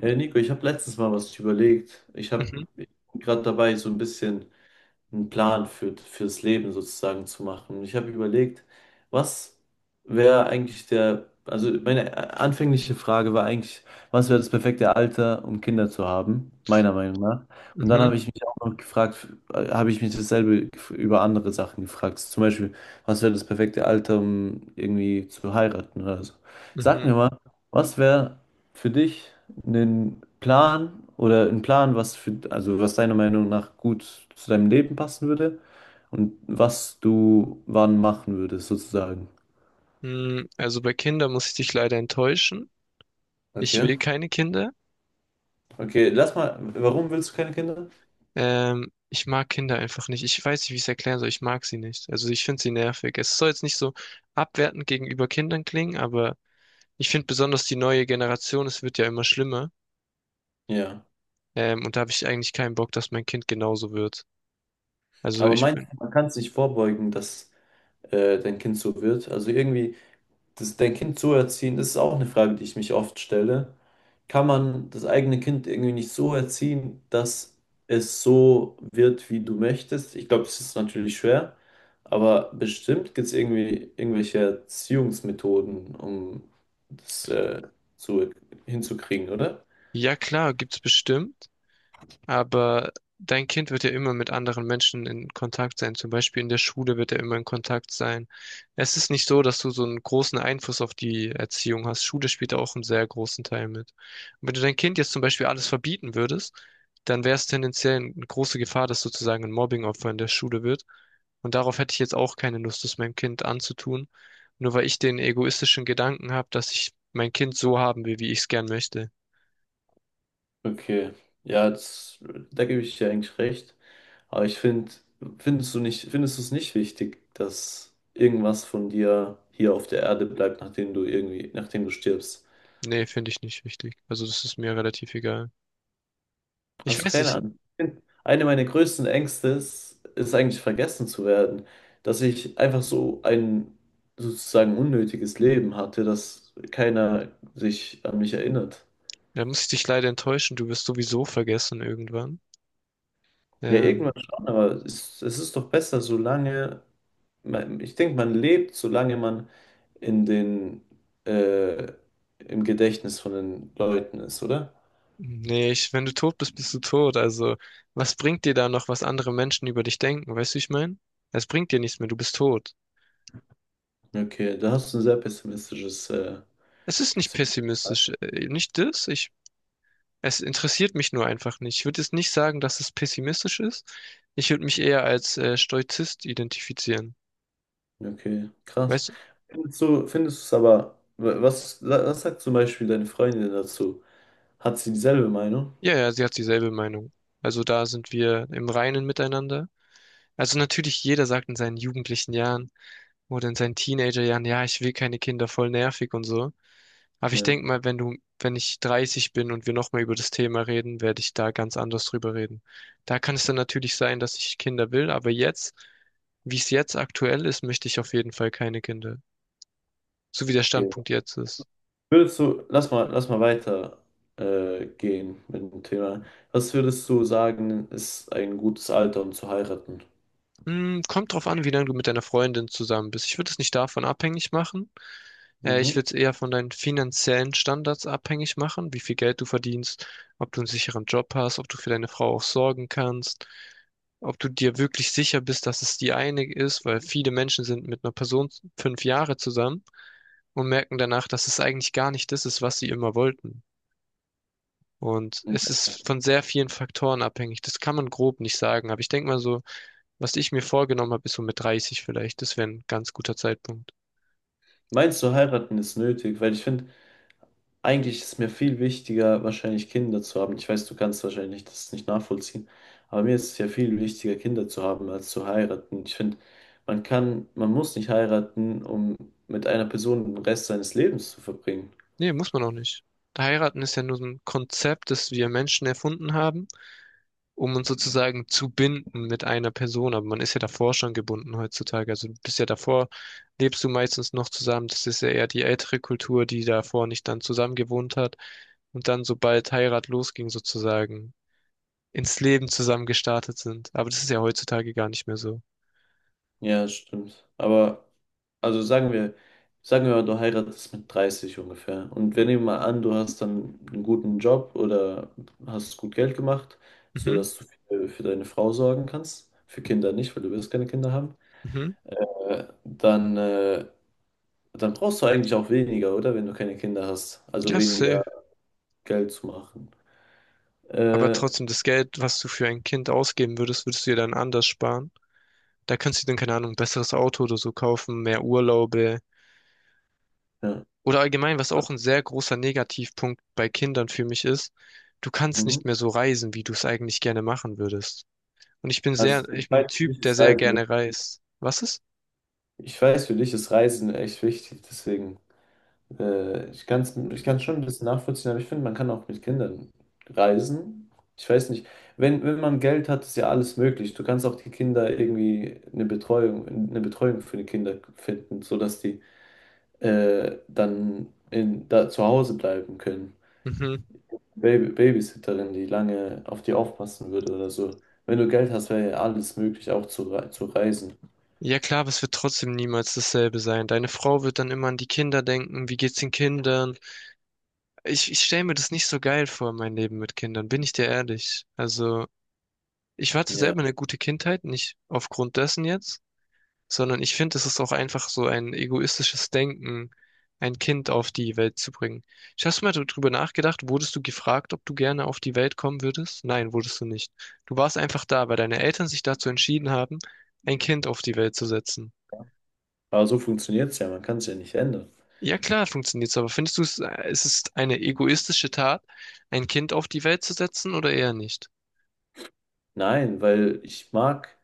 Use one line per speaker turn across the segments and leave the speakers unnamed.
Hey Nico, ich habe letztens mal was überlegt. Ich habe
Mhm,
gerade dabei, so ein bisschen einen Plan fürs Leben sozusagen zu machen. Ich habe überlegt, was wäre eigentlich also meine anfängliche Frage war eigentlich, was wäre das perfekte Alter, um Kinder zu haben, meiner Meinung nach. Und dann
mhm,
habe ich mich auch noch gefragt, habe ich mich dasselbe über andere Sachen gefragt. Zum Beispiel, was wäre das perfekte Alter, um irgendwie zu heiraten oder so. Sag
mhm.
mir mal, was wäre für dich einen Plan oder einen Plan, was für, also was deiner Meinung nach gut zu deinem Leben passen würde und was du wann machen würdest, sozusagen.
Also bei Kindern muss ich dich leider enttäuschen. Ich
Okay.
will keine Kinder.
Okay, lass mal, warum willst du keine Kinder?
Ich mag Kinder einfach nicht. Ich weiß nicht, wie ich es erklären soll. Ich mag sie nicht. Also ich finde sie nervig. Es soll jetzt nicht so abwertend gegenüber Kindern klingen, aber ich finde besonders die neue Generation, es wird ja immer schlimmer.
Ja.
Und da habe ich eigentlich keinen Bock, dass mein Kind genauso wird. Also
Aber
ich
meinst
bin.
du, man kann es nicht vorbeugen, dass dein Kind so wird? Also irgendwie. Dein Kind so erziehen, das ist auch eine Frage, die ich mich oft stelle. Kann man das eigene Kind irgendwie nicht so erziehen, dass es so wird, wie du möchtest? Ich glaube, das ist natürlich schwer, aber bestimmt gibt es irgendwie irgendwelche Erziehungsmethoden, um das zu, hinzukriegen, oder?
Ja klar, gibt's bestimmt. Aber dein Kind wird ja immer mit anderen Menschen in Kontakt sein. Zum Beispiel in der Schule wird er immer in Kontakt sein. Es ist nicht so, dass du so einen großen Einfluss auf die Erziehung hast. Schule spielt da auch einen sehr großen Teil mit. Und wenn du dein Kind jetzt zum Beispiel alles verbieten würdest, dann wäre es tendenziell eine große Gefahr, dass sozusagen ein Mobbingopfer in der Schule wird. Und darauf hätte ich jetzt auch keine Lust, das meinem Kind anzutun. Nur weil ich den egoistischen Gedanken habe, dass ich mein Kind so haben will, wie ich es gern möchte.
Okay, ja, da gebe ich dir eigentlich recht. Aber ich finde, findest du es nicht wichtig, dass irgendwas von dir hier auf der Erde bleibt, nachdem du irgendwie, nachdem du stirbst?
Nee, finde ich nicht wichtig. Also das ist mir relativ egal. Ich
Hast du
weiß
keine
nicht,
Ahnung? Eine meiner größten Ängste ist eigentlich vergessen zu werden, dass ich einfach so ein sozusagen unnötiges Leben hatte, dass keiner sich an mich erinnert.
da muss ich dich leider enttäuschen, du wirst sowieso vergessen irgendwann.
Ja,
Ähm,
irgendwann schon, aber es ist doch besser, ich denke, man lebt, solange man in den, äh, im Gedächtnis von den Leuten ist, oder?
nee, ich, wenn du tot bist, bist du tot. Also, was bringt dir da noch, was andere Menschen über dich denken? Weißt du, wie ich meine? Es bringt dir nichts mehr, du bist tot.
Okay, da hast du ein sehr pessimistisches,
Es ist nicht
pessim-
pessimistisch, nicht das. Ich, es interessiert mich nur einfach nicht. Ich würde jetzt nicht sagen, dass es pessimistisch ist. Ich würde mich eher als Stoizist identifizieren.
okay, krass.
Weißt du?
Findest du es aber, was sagt zum Beispiel deine Freundin dazu? Hat sie dieselbe Meinung?
Ja, ja, sie hat dieselbe Meinung. Also da sind wir im Reinen miteinander. Also natürlich, jeder sagt in seinen jugendlichen Jahren, oder in seinen Teenagerjahren: ja, ja, ich will keine Kinder, voll nervig und so. Aber ich
Ja.
denke mal, wenn ich 30 bin und wir nochmal über das Thema reden, werde ich da ganz anders drüber reden. Da kann es dann natürlich sein, dass ich Kinder will, aber jetzt, wie es jetzt aktuell ist, möchte ich auf jeden Fall keine Kinder. So wie der
Okay.
Standpunkt jetzt ist.
Würdest du, lass mal weiter gehen mit dem Thema. Was würdest du sagen, ist ein gutes Alter, um zu heiraten?
Hm, kommt drauf an, wie lange du mit deiner Freundin zusammen bist. Ich würde es nicht davon abhängig machen. Ich
Mhm.
würde es eher von deinen finanziellen Standards abhängig machen, wie viel Geld du verdienst, ob du einen sicheren Job hast, ob du für deine Frau auch sorgen kannst, ob du dir wirklich sicher bist, dass es die eine ist, weil viele Menschen sind mit einer Person 5 Jahre zusammen und merken danach, dass es eigentlich gar nicht das ist, was sie immer wollten. Und es ist von sehr vielen Faktoren abhängig. Das kann man grob nicht sagen, aber ich denke mal so, was ich mir vorgenommen habe, ist so mit 30 vielleicht. Das wäre ein ganz guter Zeitpunkt.
Meinst du, heiraten ist nötig? Weil ich finde, eigentlich ist mir viel wichtiger, wahrscheinlich Kinder zu haben. Ich weiß, du kannst wahrscheinlich das nicht nachvollziehen, aber mir ist es ja viel wichtiger, Kinder zu haben, als zu heiraten. Ich finde, man muss nicht heiraten, um mit einer Person den Rest seines Lebens zu verbringen.
Nee, muss man auch nicht. Heiraten ist ja nur so ein Konzept, das wir Menschen erfunden haben, um uns sozusagen zu binden mit einer Person. Aber man ist ja davor schon gebunden heutzutage. Also du bist ja davor, lebst du meistens noch zusammen. Das ist ja eher die ältere Kultur, die davor nicht dann zusammen gewohnt hat und dann, sobald Heirat losging, sozusagen ins Leben zusammen gestartet sind. Aber das ist ja heutzutage gar nicht mehr so.
Ja, das stimmt. Aber, also sagen wir mal, du heiratest mit 30 ungefähr. Und wir nehmen mal an, du hast dann einen guten Job oder hast gut Geld gemacht,
Mhm,
sodass du für deine Frau sorgen kannst. Für Kinder nicht, weil du wirst keine Kinder haben.
mhm.
Äh, dann, äh, dann brauchst du eigentlich auch weniger, oder? Wenn du keine Kinder hast. Also
Ja,
weniger
safe.
Geld zu machen.
Aber
Äh,
trotzdem, das Geld, was du für ein Kind ausgeben würdest, würdest du dir dann anders sparen. Da kannst du dir dann, keine Ahnung, ein besseres Auto oder so kaufen, mehr Urlaube.
ja.
Oder allgemein, was auch ein sehr großer Negativpunkt bei Kindern für mich ist, du kannst
Mhm.
nicht mehr so reisen, wie du es eigentlich gerne machen würdest. Und
Also ich
ich bin ein
weiß, für
Typ,
dich
der
ist
sehr
Reisen.
gerne reist. Was ist?
Ich weiß, für dich ist Reisen echt wichtig, deswegen. Ich kann's schon ein bisschen nachvollziehen, aber ich finde, man kann auch mit Kindern reisen. Ich weiß nicht, wenn man Geld hat, ist ja alles möglich. Du kannst auch die Kinder irgendwie eine Betreuung für die Kinder finden, sodass die dann da zu Hause bleiben können.
Mhm.
Babysitterin, die lange auf die aufpassen würde oder so. Wenn du Geld hast, wäre ja alles möglich, auch zu reisen.
Ja klar, aber es wird trotzdem niemals dasselbe sein. Deine Frau wird dann immer an die Kinder denken. Wie geht's den Kindern? Ich stelle mir das nicht so geil vor, mein Leben mit Kindern, bin ich dir ehrlich. Also, ich hatte
Ja,
selber eine gute Kindheit, nicht aufgrund dessen jetzt, sondern ich finde, es ist auch einfach so ein egoistisches Denken, ein Kind auf die Welt zu bringen. Ich hast du mal darüber nachgedacht, wurdest du gefragt, ob du gerne auf die Welt kommen würdest? Nein, wurdest du nicht. Du warst einfach da, weil deine Eltern sich dazu entschieden haben, ein Kind auf die Welt zu setzen.
aber so funktioniert es ja, man kann es ja nicht ändern.
Ja klar, funktioniert's, aber findest du es, es ist eine egoistische Tat, ein Kind auf die Welt zu setzen oder eher nicht?
Nein, weil ich mag.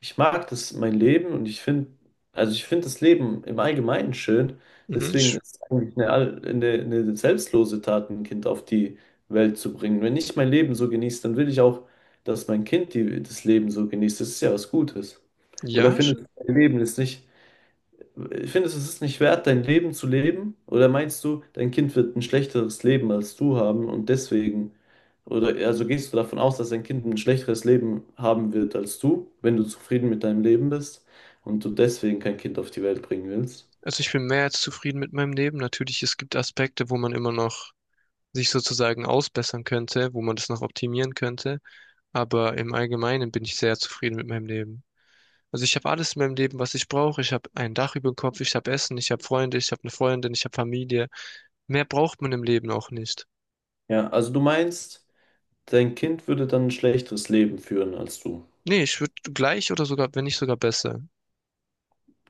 Ich mag das, mein Leben und ich finde das Leben im Allgemeinen schön.
Mhm,
Deswegen
sch-
ist es eigentlich eine selbstlose Tat, ein Kind auf die Welt zu bringen. Wenn ich mein Leben so genieße, dann will ich auch, dass mein Kind das Leben so genießt. Das ist ja was Gutes. Oder
ja.
findest du, mein Leben ist nicht. Findest du, es ist nicht wert, dein Leben zu leben? Oder meinst du, dein Kind wird ein schlechteres Leben als du haben oder also gehst du davon aus, dass dein Kind ein schlechteres Leben haben wird als du, wenn du zufrieden mit deinem Leben bist und du deswegen kein Kind auf die Welt bringen willst?
Also ich bin mehr als zufrieden mit meinem Leben. Natürlich, es gibt Aspekte, wo man immer noch sich sozusagen ausbessern könnte, wo man das noch optimieren könnte. Aber im Allgemeinen bin ich sehr zufrieden mit meinem Leben. Also ich habe alles in meinem Leben, was ich brauche. Ich habe ein Dach über dem Kopf, ich habe Essen, ich habe Freunde, ich habe eine Freundin, ich habe Familie. Mehr braucht man im Leben auch nicht.
Ja, also du meinst, dein Kind würde dann ein schlechteres Leben führen als du.
Nee, ich würde gleich oder sogar, wenn nicht sogar besser.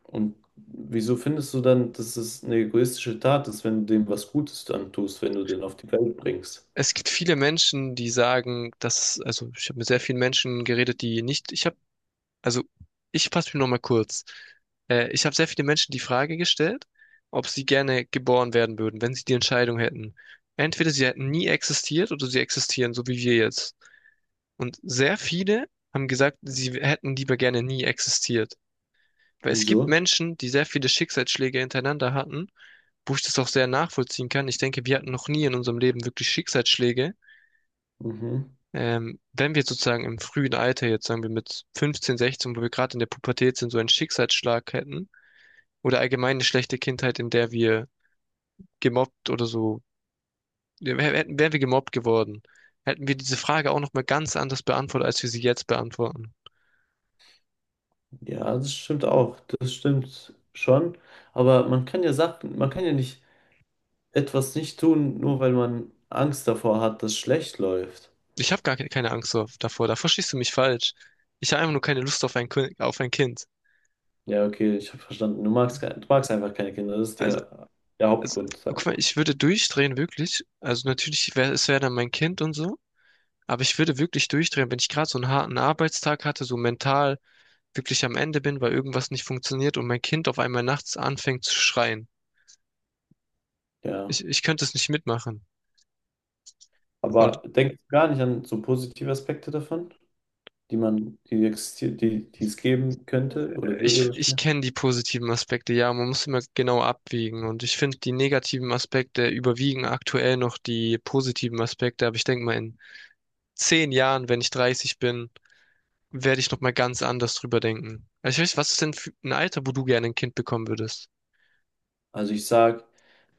Und wieso findest du dann, dass es eine egoistische Tat ist, wenn du dem was Gutes antust, wenn du den auf die Welt bringst?
Es gibt viele Menschen, die sagen, dass, also ich habe mit sehr vielen Menschen geredet, die nicht, ich habe also ich fasse mich nochmal kurz. Ich habe sehr viele Menschen die Frage gestellt, ob sie gerne geboren werden würden, wenn sie die Entscheidung hätten. Entweder sie hätten nie existiert oder sie existieren, so wie wir jetzt. Und sehr viele haben gesagt, sie hätten lieber gerne nie existiert. Weil es gibt
Wieso?
Menschen, die sehr viele Schicksalsschläge hintereinander hatten, wo ich das auch sehr nachvollziehen kann. Ich denke, wir hatten noch nie in unserem Leben wirklich Schicksalsschläge.
Mhm.
Wenn wir sozusagen im frühen Alter, jetzt sagen wir mit 15, 16, wo wir gerade in der Pubertät sind, so einen Schicksalsschlag hätten oder allgemein eine schlechte Kindheit, in der wir gemobbt oder so, ja, wären wir gemobbt geworden, hätten wir diese Frage auch nochmal ganz anders beantwortet, als wir sie jetzt beantworten.
Ja, das stimmt auch. Das stimmt schon. Aber man kann ja nicht etwas nicht tun, nur weil man Angst davor hat, dass schlecht läuft.
Ich habe gar keine Angst davor, da verstehst du mich falsch. Ich habe einfach nur keine Lust auf auf ein Kind.
Ja, okay, ich habe verstanden. Du magst einfach keine Kinder. Das ist
Also,
der
also,
Hauptgrund,
guck
sagen
mal, ich würde durchdrehen, wirklich. Also natürlich, es wäre dann mein Kind und so. Aber ich würde wirklich durchdrehen, wenn ich gerade so einen harten Arbeitstag hatte, so mental wirklich am Ende bin, weil irgendwas nicht funktioniert und mein Kind auf einmal nachts anfängt zu schreien.
wir. Ja.
Ich könnte es nicht mitmachen. Und
Aber denkst du gar nicht an so positive Aspekte davon, die existieren, die es geben könnte oder würde?
ich kenne die positiven Aspekte, ja, man muss immer genau abwägen. Und ich finde, die negativen Aspekte überwiegen aktuell noch die positiven Aspekte. Aber ich denke mal, in 10 Jahren, wenn ich 30 bin, werde ich nochmal ganz anders drüber denken. Also ich weiß, was ist denn für ein Alter, wo du gerne ein Kind bekommen würdest?
Also ich sag,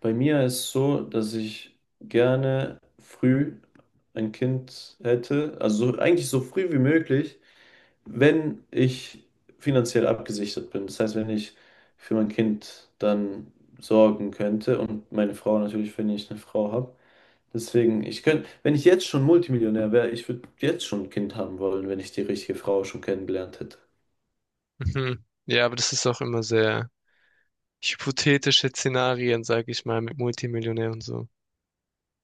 bei mir ist es so, dass ich gerne früh ein Kind hätte, also eigentlich so früh wie möglich, wenn ich finanziell abgesichert bin. Das heißt, wenn ich für mein Kind dann sorgen könnte und meine Frau natürlich, wenn ich eine Frau habe. Deswegen, ich könnte, wenn ich jetzt schon Multimillionär wäre, ich würde jetzt schon ein Kind haben wollen, wenn ich die richtige Frau schon kennengelernt hätte.
Mhm. Ja, aber das ist auch immer sehr hypothetische Szenarien, sag ich mal, mit Multimillionär und so.